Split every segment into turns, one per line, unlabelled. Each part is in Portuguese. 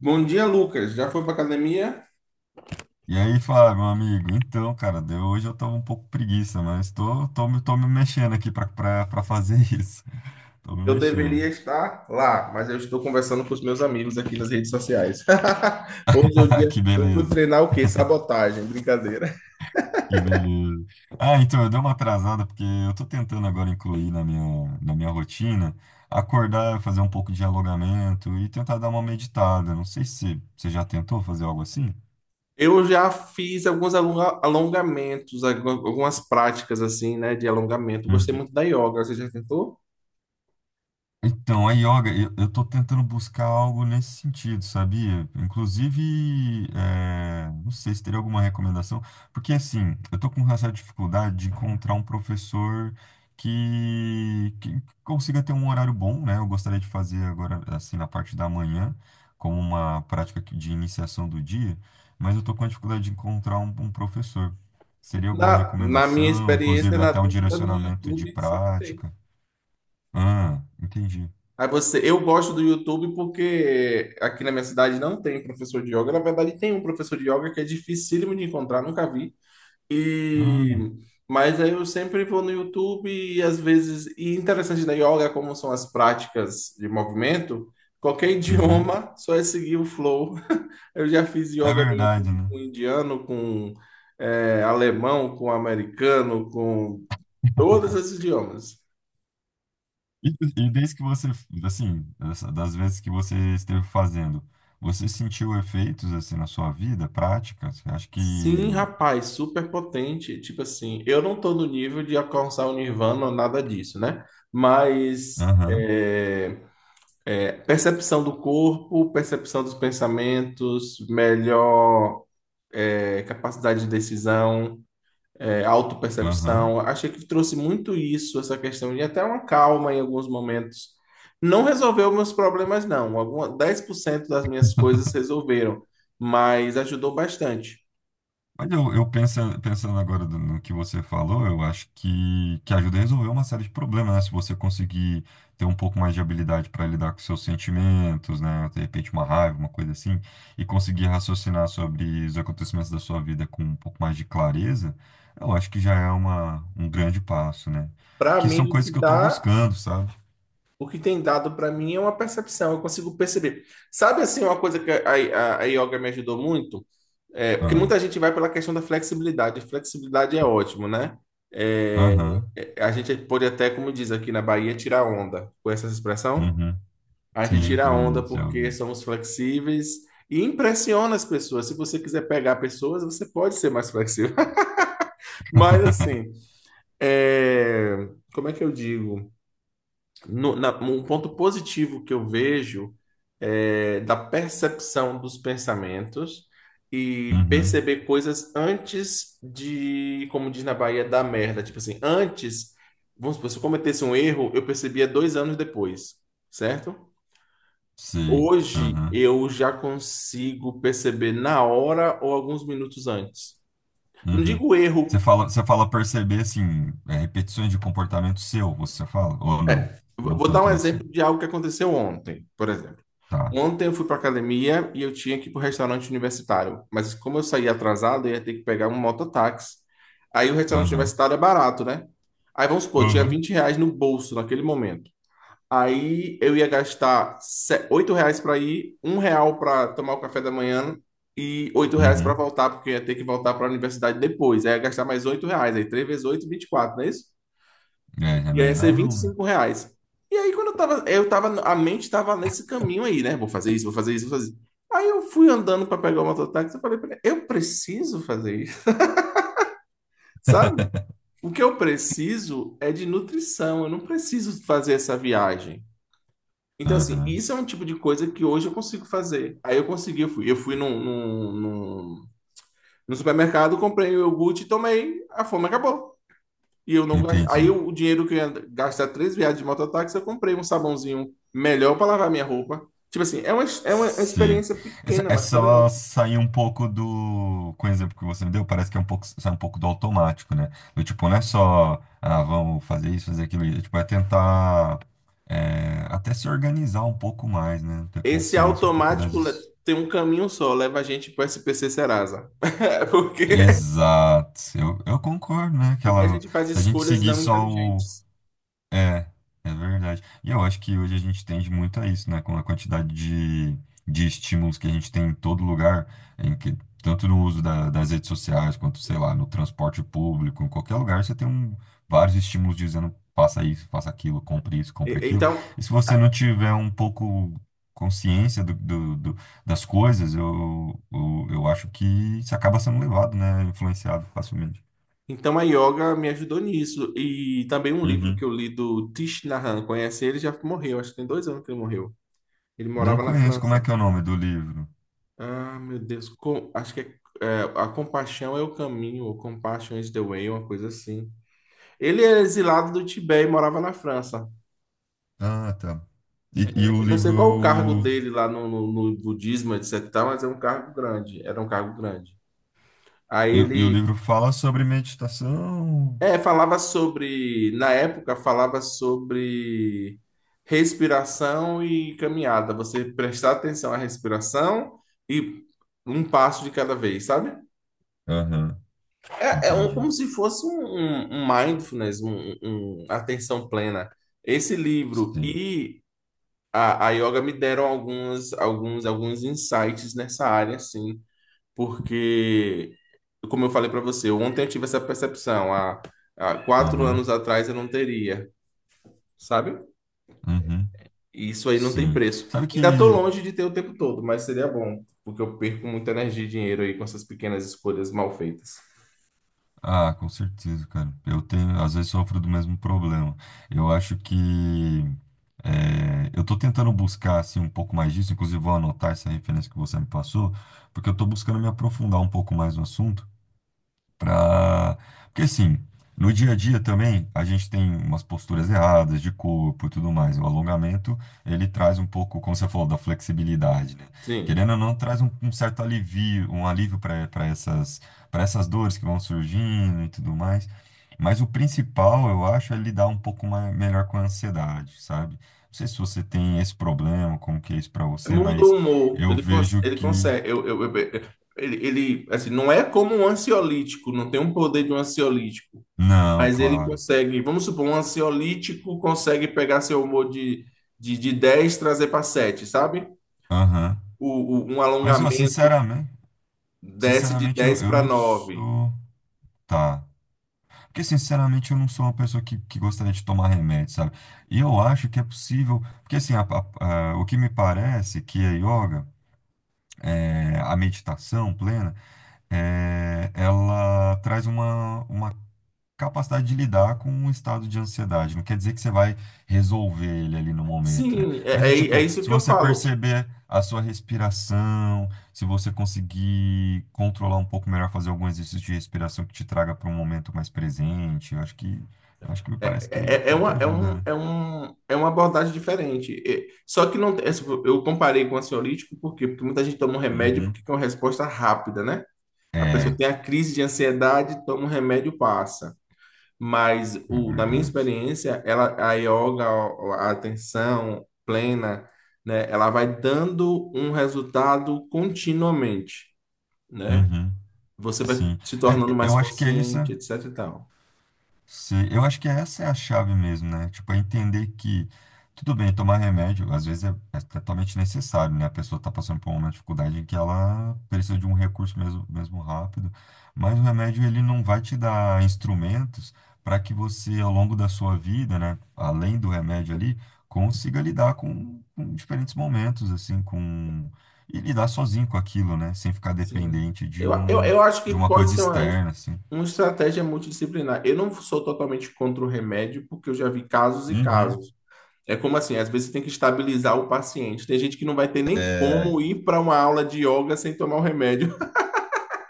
Bom dia, Lucas. Já foi para academia?
E aí, Flávio, meu amigo, então, cara, hoje eu tô um pouco preguiça, mas tô me mexendo aqui pra fazer isso. Tô me
Eu deveria
mexendo.
estar lá, mas eu estou conversando com os meus amigos aqui nas redes sociais. Hoje é o dia.
Que
Eu fui
beleza,
treinar o quê? Sabotagem, brincadeira.
que beleza. Eu dei uma atrasada porque eu tô tentando agora incluir na minha rotina, acordar, fazer um pouco de alongamento e tentar dar uma meditada. Não sei se você já tentou fazer algo assim.
Eu já fiz alguns alongamentos, algumas práticas assim, né, de alongamento. Gostei
Hum.
muito da yoga. Você já tentou?
Então, a yoga, eu tô tentando buscar algo nesse sentido, sabia? Inclusive, não sei se teria alguma recomendação, porque assim, eu tô com uma certa dificuldade de encontrar um professor que consiga ter um horário bom, né? Eu gostaria de fazer agora, assim, na parte da manhã, como uma prática de iniciação do dia, mas eu tô com a dificuldade de encontrar um professor. Seria alguma
Na minha
recomendação,
experiência,
inclusive
na
até um
dúvida, no
direcionamento de
YouTube sempre tem.
prática? Ah, entendi.
Aí você, eu gosto do YouTube porque aqui na minha cidade não tem professor de yoga. Na verdade, tem um professor de yoga que é dificílimo de encontrar, nunca vi. E
Ah,
mas aí eu sempre vou no YouTube e às vezes, e interessante da yoga como são as práticas de movimento, qualquer
uhum.
idioma, só é seguir o flow. Eu já fiz
É
yoga no
verdade,
YouTube
né?
com um indiano, com alemão, com um americano, com todos esses idiomas.
E desde que você, assim, das vezes que você esteve fazendo, você sentiu efeitos, assim, na sua vida prática? Você acha
Sim,
que...
rapaz, super potente. Tipo assim, eu não tô no nível de alcançar o Nirvana ou nada disso, né? Mas
Aham,
percepção do corpo, percepção dos pensamentos, melhor capacidade de decisão,
aham.
autopercepção. Achei que trouxe muito isso, essa questão de até uma calma em alguns momentos. Não resolveu meus problemas, não. Alguma, 10% das minhas coisas resolveram, mas ajudou bastante.
Mas pensando agora no que você falou, eu acho que ajuda a resolver uma série de problemas, né? Se você conseguir ter um pouco mais de habilidade para lidar com seus sentimentos, né? De repente uma raiva, uma coisa assim, e conseguir raciocinar sobre os acontecimentos da sua vida com um pouco mais de clareza, eu acho que já é um grande passo, né?
Para
Que
mim,
são coisas que eu estou buscando, sabe?
o que tem dado para mim é uma percepção, eu consigo perceber. Sabe assim, uma coisa que a yoga me ajudou muito? É, porque
Ah,
muita gente vai pela questão da flexibilidade. Flexibilidade é ótimo, né? É,
aham,
a gente pode até, como diz aqui na Bahia, tirar onda. Com essa expressão?
uhum,
A gente
sim,
tira onda
conheço, já
porque
ouvi.
somos flexíveis e impressiona as pessoas. Se você quiser pegar pessoas, você pode ser mais flexível. Mas assim, como é que eu digo? Um ponto positivo que eu vejo é da percepção dos pensamentos e
Uhum,
perceber coisas antes de, como diz na Bahia, da merda. Tipo assim, antes, vamos supor, se eu cometesse um erro, eu percebia 2 anos depois, certo?
sei,
Hoje
aham.
eu já consigo perceber na hora ou alguns minutos antes. Não
Uhum.
digo erro.
Você fala perceber, assim, repetições de comportamento seu, você fala? Ou não?
É,
Não
vou dar um
tanto nesse.
exemplo de algo que aconteceu ontem, por exemplo.
Tá.
Ontem eu fui para academia e eu tinha que ir para o restaurante universitário, mas como eu saí atrasado, eu ia ter que pegar um mototáxi. Aí o restaurante
Aham.
universitário é barato, né? Aí vamos supor, eu tinha
Aham.
R$ 20 no bolso naquele momento. Aí eu ia gastar R$ 8 para ir, R$ 1 para tomar o café da manhã e R$ 8 para
Uhum.
voltar, porque eu ia ter que voltar para a universidade depois. Aí eu ia gastar mais R$ 8, aí 3 vezes 8, 24, não é isso?
É, já não
Ia
ia dar,
ser vinte
não,
e
né?
cinco reais. E aí, quando a mente tava nesse caminho aí, né? Vou fazer isso, vou fazer isso, vou fazer isso. Aí eu fui andando para pegar o mototáxi e falei pra ele, eu preciso fazer isso, sabe? O que eu preciso é de nutrição, eu não preciso fazer essa viagem. Então, assim,
Aham.
isso é um tipo de coisa que hoje eu consigo fazer. Aí eu consegui, eu fui no supermercado, comprei o iogurte e tomei, a fome acabou. E eu não gastei.
Entendi.
O dinheiro que eu ia gastar três viagens de mototáxi, eu comprei um sabãozinho melhor para lavar minha roupa. Tipo assim, é uma
Sei.
experiência pequena, mas
Essa
poderosa.
sair um pouco do. Com o exemplo que você me deu, parece que é um pouco, sai um pouco do automático, né? Do tipo, não é só, ah, vamos fazer isso, fazer aquilo. Tipo, é tentar. Até se organizar um pouco mais, né? Ter
Esse
consciência um pouco
automático
das...
tem um caminho só, leva a gente para o SPC Serasa. Porque,
Exato. Eu concordo, né? Que
porque a
ela,
gente faz
se a gente
escolhas
seguir
não
só o,
inteligentes.
é, é verdade. E eu acho que hoje a gente tende muito a isso, né? Com a quantidade de estímulos que a gente tem em todo lugar, em que, tanto no uso das redes sociais, quanto, sei lá, no transporte público, em qualquer lugar, você tem vários estímulos dizendo faça isso, faça aquilo, compre isso, compre
E-
aquilo.
Então,
E se você não tiver um pouco consciência das coisas, eu acho que você acaba sendo levado, né? Influenciado facilmente.
então a yoga me ajudou nisso. E também um livro que
Uhum.
eu li do Thich Nhat Hanh, conhece ele? Já morreu, acho que tem 2 anos que ele morreu. Ele
Não
morava na
conheço como é que
França.
é o nome do livro.
Ah, meu Deus. Acho que é A Compaixão é o Caminho, ou Compassion is the Way, uma coisa assim. Ele é exilado do Tibete e morava na França.
Ah, tá. E o
Eu não sei qual o cargo
livro.
dele lá no budismo, etc, mas é um cargo grande. Era um cargo grande. Aí
E o
ele...
livro fala sobre meditação.
É, falava sobre... Na época, falava sobre respiração e caminhada. Você prestar atenção à respiração e um passo de cada vez, sabe?
Aham,
É
entendi.
como se fosse um mindfulness, um atenção plena. Esse livro
Sim.
e a yoga me deram alguns insights nessa área, assim, porque, como eu falei para você, ontem eu tive essa percepção, há quatro
Aham,
anos atrás eu não teria, sabe?
uhum,
E isso aí não tem
sim.
preço.
Sabe
Ainda estou
que.
longe de ter o tempo todo, mas seria bom, porque eu perco muita energia e dinheiro aí com essas pequenas escolhas mal feitas.
Ah, com certeza, cara. Eu tenho, às vezes, sofro do mesmo problema. Eu acho que... eu tô tentando buscar, assim, um pouco mais disso. Inclusive, vou anotar essa referência que você me passou, porque eu tô buscando me aprofundar um pouco mais no assunto. Pra... Porque assim, no dia a dia também a gente tem umas posturas erradas de corpo e tudo mais. O alongamento, ele traz um pouco, como você falou, da flexibilidade, né?
Sim.
Querendo ou não, traz um certo alivio, um alívio para essas dores que vão surgindo e tudo mais. Mas o principal, eu acho, é lidar um pouco mais, melhor com a ansiedade, sabe? Não sei se você tem esse problema, como que é isso para você,
Muda
mas
o humor,
eu
ele,
vejo
ele
que...
consegue. Ele, assim, não é como um ansiolítico, não tem um poder de um ansiolítico,
Não,
mas ele
claro.
consegue. Vamos supor, um ansiolítico consegue pegar seu humor de, 10 e trazer para sete, sabe?
Aham.
O, um
Mas, ó,
alongamento
sinceramente...
desce de
Sinceramente,
10
eu
para
não
nove.
sou. Tá. Porque, sinceramente, eu não sou uma pessoa que gostaria de tomar remédio, sabe? E eu acho que é possível. Porque, assim, o que me parece que a yoga, a meditação plena, ela traz uma capacidade de lidar com um estado de ansiedade. Não quer dizer que você vai resolver ele ali no momento, né?
Sim,
Mas
é, é,
o
é
tipo,
isso
se
que eu
você
falo.
perceber a sua respiração, se você conseguir controlar um pouco melhor, fazer algum exercício de respiração que te traga para um momento mais presente, eu acho que me
É,
parece
é, é
que
é
é o
uma,
que
é,
ajuda,
um,
né?
é, um, é uma abordagem diferente. É, só que não, eu comparei com o ansiolítico por quê? Porque muita gente toma um remédio
Uhum.
porque é uma resposta rápida, né? A pessoa
É,
tem a crise de ansiedade, toma um remédio, passa. Mas
é
o, na minha
verdade.
experiência, ela, a yoga, a atenção plena, né? Ela vai dando um resultado continuamente, né?
Uhum.
Você vai
Sim.
se tornando
É,
mais
eu acho que é isso.
consciente, etc e tal.
Sim, eu acho que essa é a chave mesmo, né? Tipo, é entender que, tudo bem, tomar remédio, às vezes é totalmente necessário, né? A pessoa está passando por uma dificuldade em que ela precisa de um recurso mesmo, mesmo rápido, mas o remédio, ele não vai te dar instrumentos para que você, ao longo da sua vida, né? Além do remédio ali, consiga lidar com diferentes momentos, assim, com... E lidar sozinho com aquilo, né? Sem ficar
Sim.
dependente de
Eu, eu,
um,
eu acho que
de uma
pode
coisa
ser uma,
externa, assim.
uma estratégia multidisciplinar. Eu não sou totalmente contra o remédio, porque eu já vi casos e
Uhum.
casos. É como assim, às vezes tem que estabilizar o paciente. Tem gente que não vai ter nem como ir para uma aula de yoga sem tomar o remédio.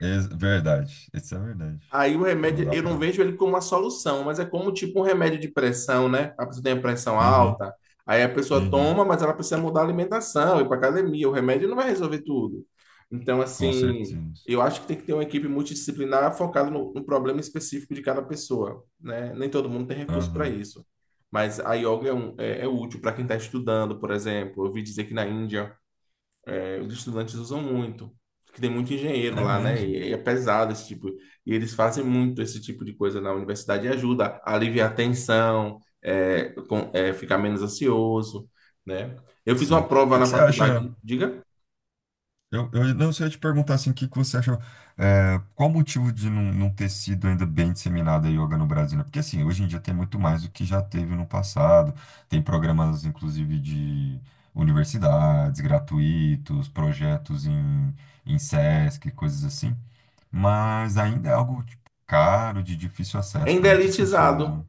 Ex- verdade. Isso é verdade.
Aí o
Não
remédio,
dá
eu não
pra.
vejo ele como uma solução, mas é como tipo um remédio de pressão, né? A pessoa tem a pressão
Uhum,
alta, aí a pessoa
uhum,
toma, mas ela precisa mudar a alimentação, ir para academia. O remédio não vai resolver tudo. Então,
com
assim,
certeza.
eu acho que tem que ter uma equipe multidisciplinar focada no problema específico de cada pessoa, né? Nem todo mundo tem recurso para
Aham.
isso. Mas a yoga é, é útil para quem está estudando, por exemplo. Eu ouvi dizer que na Índia os estudantes usam muito, que tem muito engenheiro
É
lá, né?
mesmo.
E é pesado esse tipo. E eles fazem muito esse tipo de coisa na universidade e ajuda a aliviar a tensão, ficar menos ansioso, né? Eu fiz
Sim.
uma
O
prova
que
na
que você acha?
faculdade, diga,
Eu não sei te perguntar assim, o que que você achou? Qual o motivo de não ter sido ainda bem disseminada a yoga no Brasil? Né? Porque assim, hoje em dia tem muito mais do que já teve no passado. Tem programas, inclusive, de universidades gratuitos, projetos em SESC, coisas assim. Mas ainda é algo tipo, caro, de difícil acesso para
ainda é
muitas pessoas,
elitizado.
né?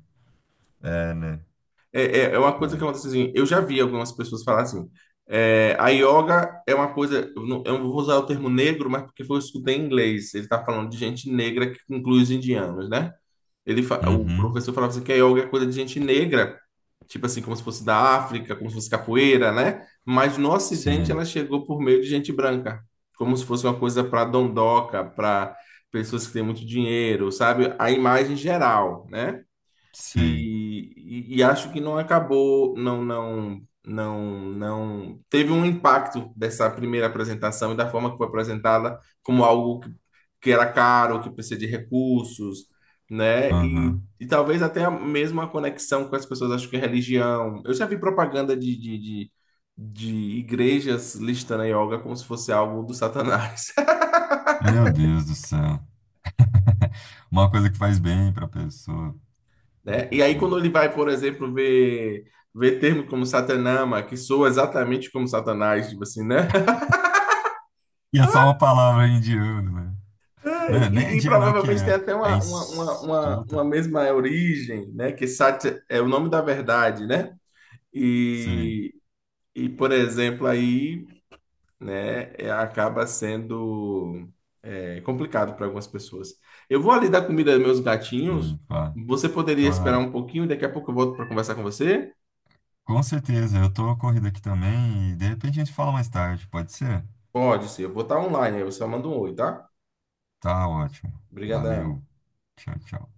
É, né?
É uma coisa que
É.
acontece assim, eu já vi algumas pessoas falar assim, a yoga é uma coisa, eu não vou usar o termo negro, mas porque foi eu escutei em inglês, ele está falando de gente negra que inclui os indianos, né? O
Uhum.
professor falava assim que a yoga é coisa de gente negra, tipo assim, como se fosse da África, como se fosse capoeira, né? Mas no Ocidente
Sei,
ela chegou por meio de gente branca, como se fosse uma coisa para dondoca, para pessoas que têm muito dinheiro, sabe? A imagem geral, né?
sei.
E acho que não acabou, não teve um impacto dessa primeira apresentação e da forma que foi apresentada como algo que era caro, que precisa de recursos, né? E,
Aham.
e talvez até a mesma conexão com as pessoas acho que é religião. Eu já vi propaganda de igrejas listando a yoga como se fosse algo do Satanás.
Meu Deus do céu. Uma coisa que faz bem para pessoa.
Né?
É
E aí
duro.
quando ele vai, por exemplo, ver termos como Satanama, que soa exatamente como Satanás, tipo assim, né?
E é só uma palavra em indiano, né? Né, nem é
E
indiano, é o que
provavelmente tem
é?
até
É
uma,
em
uma, uma, uma, uma
sutra.
mesma origem, né? Que Sat é o nome da verdade, né?
Sei,
E, e por exemplo, aí, né, acaba sendo complicado para algumas pessoas. Eu vou ali dar comida aos meus gatinhos.
sim, pá.
Você poderia esperar
Claro.
um pouquinho, daqui a pouco eu volto para conversar com você?
Com certeza, eu tô corrido aqui também e de repente a gente fala mais tarde, pode ser?
Pode ser, eu vou estar online, aí você só manda um oi, tá?
Tá ótimo.
Obrigadão.
Valeu. Tchau, tchau.